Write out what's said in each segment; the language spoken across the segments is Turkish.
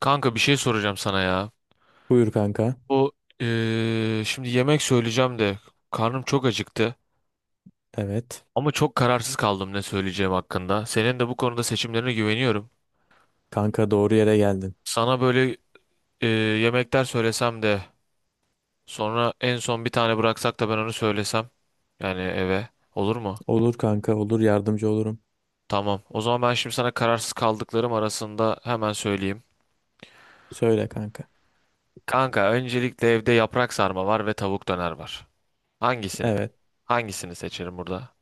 Kanka bir şey soracağım sana ya. Buyur kanka. Bu şimdi yemek söyleyeceğim de karnım çok acıktı. Evet. Ama çok kararsız kaldım ne söyleyeceğim hakkında. Senin de bu konuda seçimlerine güveniyorum. Kanka doğru yere geldin. Sana böyle eee, yemekler söylesem de sonra en son bir tane bıraksak da ben onu söylesem. Yani eve olur mu? Olur kanka olur yardımcı olurum. Tamam. O zaman ben şimdi sana kararsız kaldıklarım arasında hemen söyleyeyim. Söyle kanka. Kanka öncelikle evde yaprak sarma var ve tavuk döner var. Hangisini? Evet. Hangisini seçerim burada?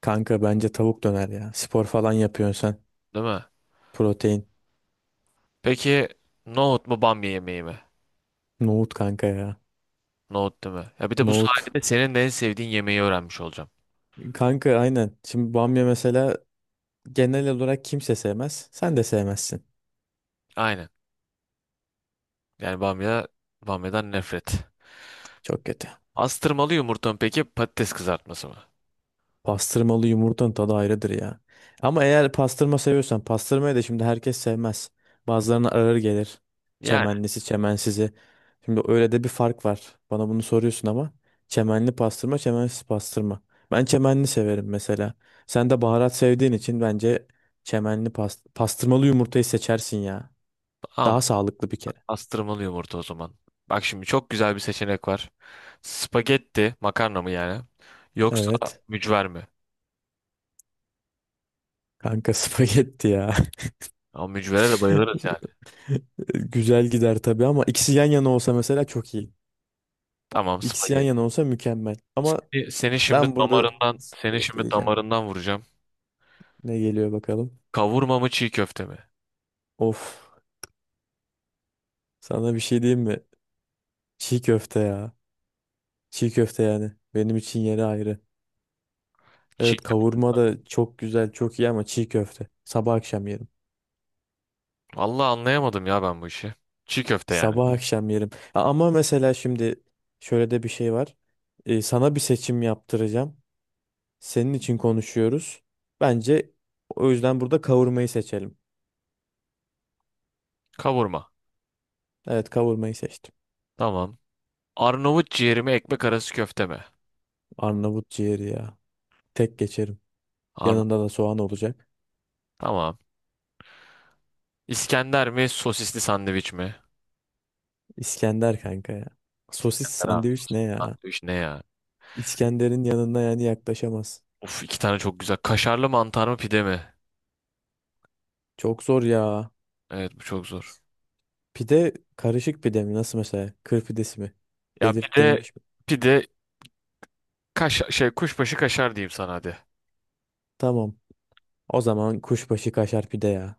Kanka bence tavuk döner ya. Spor falan yapıyorsun sen. Değil mi? Protein. Peki nohut mu bamya yemeği mi? Nohut kanka ya. Nohut değil mi? Ya bir de bu Nohut. sayede senin de en sevdiğin yemeği öğrenmiş olacağım. Kanka aynen. Şimdi bamya mesela genel olarak kimse sevmez. Sen de sevmezsin. Aynen. Yani bamya, bamyadan nefret. Çok kötü. Astırmalı yumurta mı peki patates kızartması mı? Pastırmalı yumurtanın tadı ayrıdır ya. Ama eğer pastırma seviyorsan pastırmayı da şimdi herkes sevmez. Bazılarına ağır gelir. Yani Çemenlisi, çemensizi. Şimdi öyle de bir fark var. Bana bunu soruyorsun ama çemenli pastırma, çemensiz pastırma. Ben çemenli severim mesela. Sen de baharat sevdiğin için bence çemenli pastırmalı yumurtayı seçersin ya. tamam, Daha sağlıklı bir kere. astırmalı yumurta o zaman. Bak şimdi çok güzel bir seçenek var. Spagetti makarna mı yani? Yoksa Evet. mücver mi? Kanka spagetti ya. Ama mücvere de bayılırız yani. Güzel gider tabii ama ikisi yan yana olsa mesela çok iyi. Tamam, İkisi yan spagetti. yana olsa mükemmel. Ama Seni şimdi ben burada damarından, seni şimdi getireceğim. damarından vuracağım. Ne geliyor bakalım. Kavurma mı çiğ köfte mi? Of. Sana bir şey diyeyim mi? Çiğ köfte ya. Çiğ köfte yani. Benim için yeri ayrı. çiğ Evet kavurma da çok güzel, çok iyi ama çiğ köfte. Sabah akşam yerim. Vallahi anlayamadım ya ben bu işi. Çiğ köfte yani. Sabah akşam yerim. Ama mesela şimdi şöyle de bir şey var. Sana bir seçim yaptıracağım. Senin için konuşuyoruz. Bence o yüzden burada kavurmayı seçelim. Kavurma. Evet kavurmayı seçtim. Tamam. Arnavut ciğeri mi ekmek arası köfte mi? Arnavut ciğeri ya. Tek geçerim. Arnavut. Yanında da soğan olacak. Tamam. İskender mi sosisli sandviç mi? İskender kanka ya. Sosis Herhalde. sandviç ne ya? Sandviç ne ya? İskender'in yanına yani yaklaşamaz. Of, iki tane çok güzel. Kaşarlı mantar mı pide mi? Çok zor ya. Evet, bu çok zor. Pide karışık pide mi? Nasıl mesela? Kır pidesi mi? Ya pide, Belirtilmiş mi? pide kaş şey kuşbaşı kaşar diyeyim sana hadi. Tamam. O zaman kuşbaşı kaşar pide ya.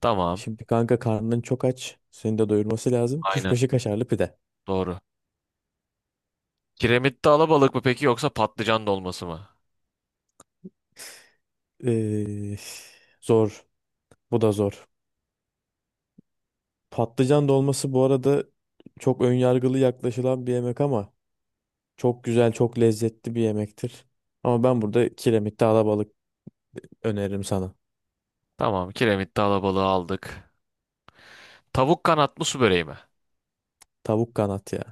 Tamam. Şimdi kanka karnın çok aç. Seni de doyurması lazım. Aynen. Kuşbaşı kaşarlı pide. Doğru. Kiremitte alabalık mı peki yoksa patlıcan dolması mı? Ee, Zor. Bu da zor. Patlıcan dolması bu arada çok önyargılı yaklaşılan bir yemek ama çok güzel, çok lezzetli bir yemektir. Ama ben burada kiremitte alabalık öneririm sana. Tamam. Kiremitte alabalığı aldık. Tavuk kanat mı su böreği mi? Tavuk kanat ya.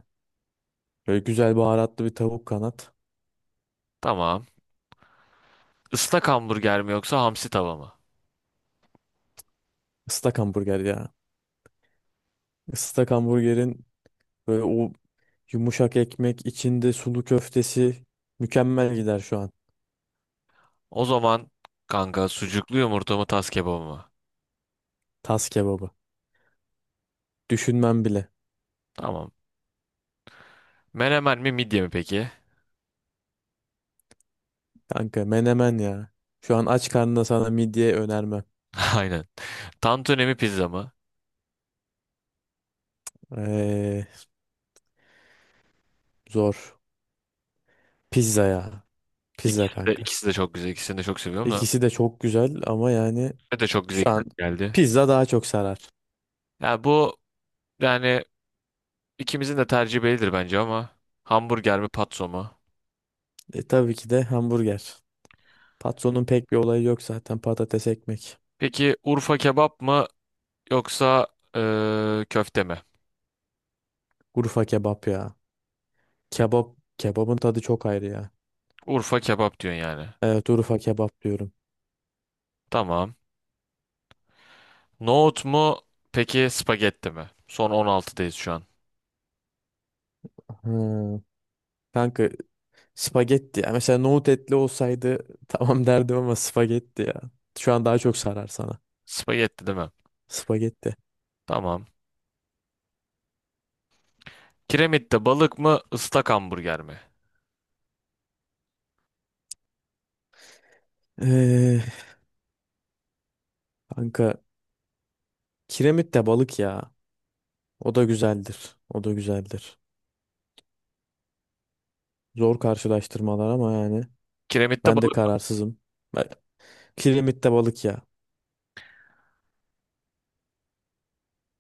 Böyle güzel baharatlı bir tavuk kanat. Tamam. Islak hamburger mi yoksa hamsi tava mı? Islak hamburger ya. Islak hamburgerin böyle o yumuşak ekmek içinde sulu köftesi mükemmel gider şu an. O zaman kanka, sucuklu yumurta mı tas kebabı mı? Tas kebabı. Düşünmem bile. Tamam. Menemen mi midye mi peki? Kanka menemen ya. Şu an aç karnına sana midye önermem. Aynen. Tantuni mi pizza mı? Ee, Zor. Pizza ya. Pizza İkisi de, kanka. ikisi de çok güzel. İkisini de çok seviyorum da. İkisi de çok güzel ama yani Ne de çok güzel şu ikna an geldi. pizza daha çok sarar. Ya bu, yani ikimizin de tercihi bellidir bence ama hamburger mi patso mu? Tabii ki de hamburger. Patronun pek bir olayı yok zaten. Patates ekmek. Peki Urfa kebap mı yoksa köfte mi? Urfa kebap ya. Kebap. Kebabın tadı çok ayrı ya. Urfa kebap diyorsun yani. Evet Urfa kebap diyorum. Tamam. Nohut mu peki spagetti mi? Son 16'dayız şu an. Hmm. Kanka spagetti ya. Mesela nohut etli olsaydı tamam derdim ama spagetti ya. Şu an daha çok sarar sana. Spagetti değil mi? Spagetti. Tamam. Kiremitte balık mı, ıslak hamburger mi? Ee, Kanka kiremit de balık ya. O da güzeldir. O da güzeldir. Zor karşılaştırmalar ama yani Kiremitte ben de balık, kararsızım. Kiremitte balık ya.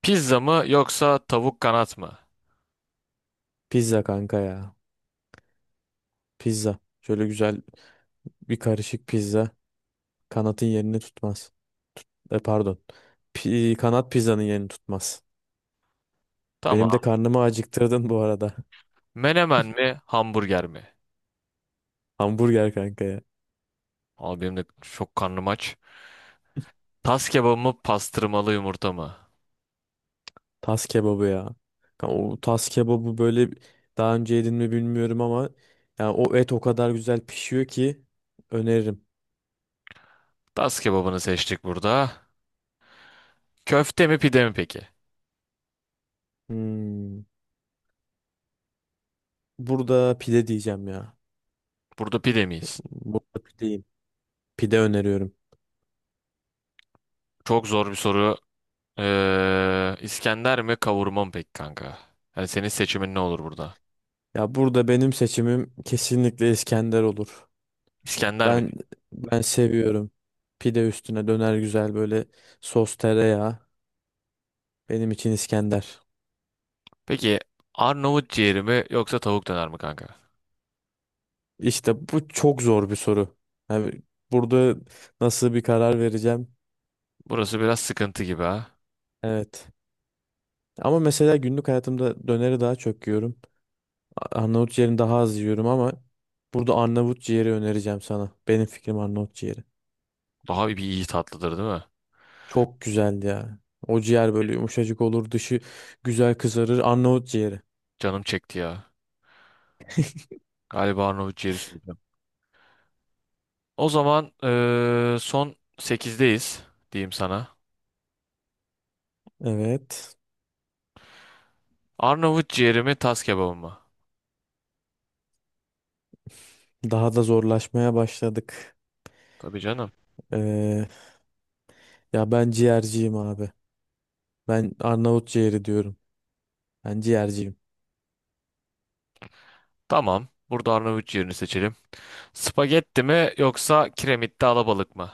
pizza mı yoksa tavuk kanat mı? Pizza kanka ya. Pizza. Şöyle güzel bir karışık pizza. Kanatın yerini tutmaz. Pardon. Kanat pizzanın yerini tutmaz. Benim de Tamam. karnımı acıktırdın bu arada. Menemen mi, hamburger mi? Hamburger kanka ya. Abi benim de çok karnım aç. Tas kebabı mı, pastırmalı yumurta mı? Tas kebabı ya. O tas kebabı böyle daha önce yedin mi bilmiyorum ama yani o et o kadar güzel pişiyor ki öneririm. Tas kebabını seçtik burada. Köfte mi, pide mi peki? Hmm. Burada pide diyeceğim ya. Burada pide miyiz? Burada pideyim. Pide öneriyorum. Çok zor bir soru. İskender mi, kavurma mı peki kanka? Yani senin seçimin ne olur burada? Ya burada benim seçimim kesinlikle İskender olur. İskender mi? Ben Ben seviyorum. Pide üstüne döner güzel böyle sos tereyağı. Benim için İskender. Peki Arnavut ciğeri mi yoksa tavuk döner mi kanka? İşte bu çok zor bir soru. Yani burada nasıl bir karar vereceğim? Burası biraz sıkıntı gibi ha. Evet. Ama mesela günlük hayatımda döneri daha çok yiyorum. Arnavut ciğerini daha az yiyorum ama burada Arnavut ciğeri önereceğim sana. Benim fikrim Arnavut ciğeri. Daha bir iyi tatlıdır değil mi? Çok güzeldi ya. O ciğer böyle yumuşacık olur, dışı güzel kızarır. Arnavut ciğeri. Canım çekti ya. Galiba Arnavut ciğeri söyleyeceğim. O zaman son sekizdeyiz, diyeyim sana. Evet. Arnavut ciğeri mi tas kebabı mı? Daha da zorlaşmaya başladık. Tabii canım. Ee, Ya ben ciğerciyim abi. Ben Arnavut ciğeri diyorum. Ben ciğerciyim. Tamam. Burada Arnavut ciğerini seçelim. Spagetti mi yoksa kiremitte alabalık mı?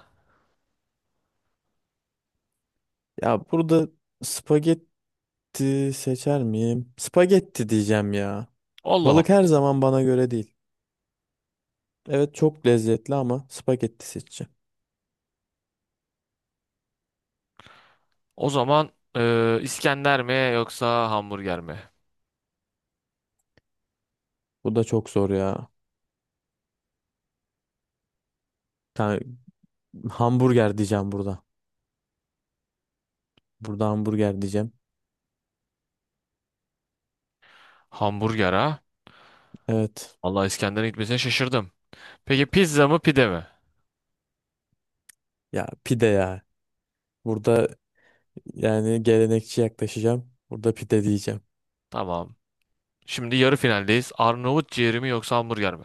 Ya burada spagetti seçer miyim? Spagetti diyeceğim ya. Allah Allah. Balık her zaman bana göre değil. Evet çok lezzetli ama spagetti seçeceğim. O zaman İskender mi yoksa hamburger mi? Bu da çok zor ya. Yani hamburger diyeceğim burada. Burada hamburger diyeceğim. Hamburger ha? Evet. Allah, İskender'in gitmesine şaşırdım. Peki pizza mı pide mi? Ya pide ya. Burada yani gelenekçi yaklaşacağım. Burada pide diyeceğim. Tamam. Şimdi yarı finaldeyiz. Arnavut ciğeri mi yoksa hamburger mi?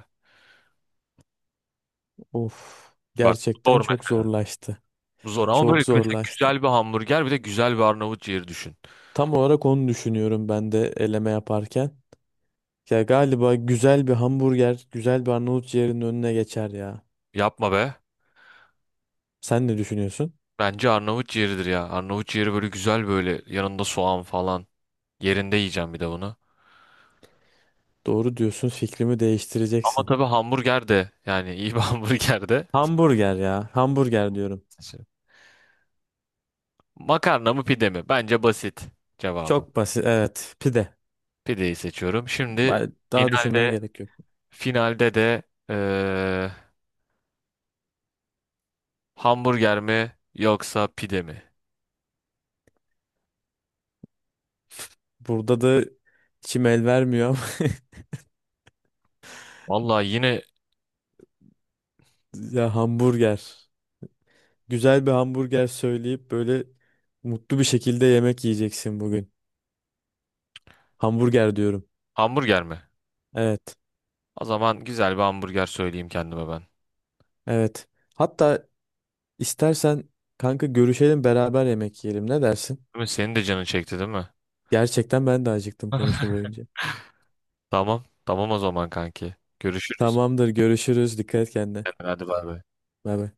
Of, Bak, gerçekten zor çok mesela. zorlaştı. Bu zor ama Çok böyle mesela zorlaştı. güzel bir hamburger bir de güzel bir Arnavut ciğeri düşün. Tam olarak onu düşünüyorum ben de eleme yaparken. Ya galiba güzel bir hamburger, güzel bir Arnavut ciğerinin önüne geçer ya. Yapma be. Sen ne düşünüyorsun? Bence Arnavut ciğeridir ya. Arnavut ciğeri böyle güzel, böyle yanında soğan falan. Yerinde yiyeceğim bir de bunu. Doğru diyorsun, fikrimi Ama değiştireceksin. tabii hamburger de, yani iyi bir hamburger de. Hamburger ya, hamburger diyorum. Şey, makarna mı pide mi? Bence basit cevabı. Çok basit, evet, pide. Pideyi seçiyorum. Şimdi Daha düşünmeye finalde, gerek yok. finalde de eee, hamburger mi yoksa pide mi? Burada da içim el vermiyor ama Vallahi yine ya hamburger. Güzel bir hamburger söyleyip böyle mutlu bir şekilde yemek yiyeceksin bugün. Hamburger diyorum. hamburger mi? Evet. O zaman güzel bir hamburger söyleyeyim kendime ben. Evet. Hatta istersen kanka görüşelim beraber yemek yiyelim. Ne dersin? Değil mi? Senin de canın çekti değil mi? Gerçekten ben de acıktım konuşma boyunca. Tamam. O zaman kanki, görüşürüz. Tamamdır görüşürüz. Dikkat et kendine. Hadi bay bay. Bay bay.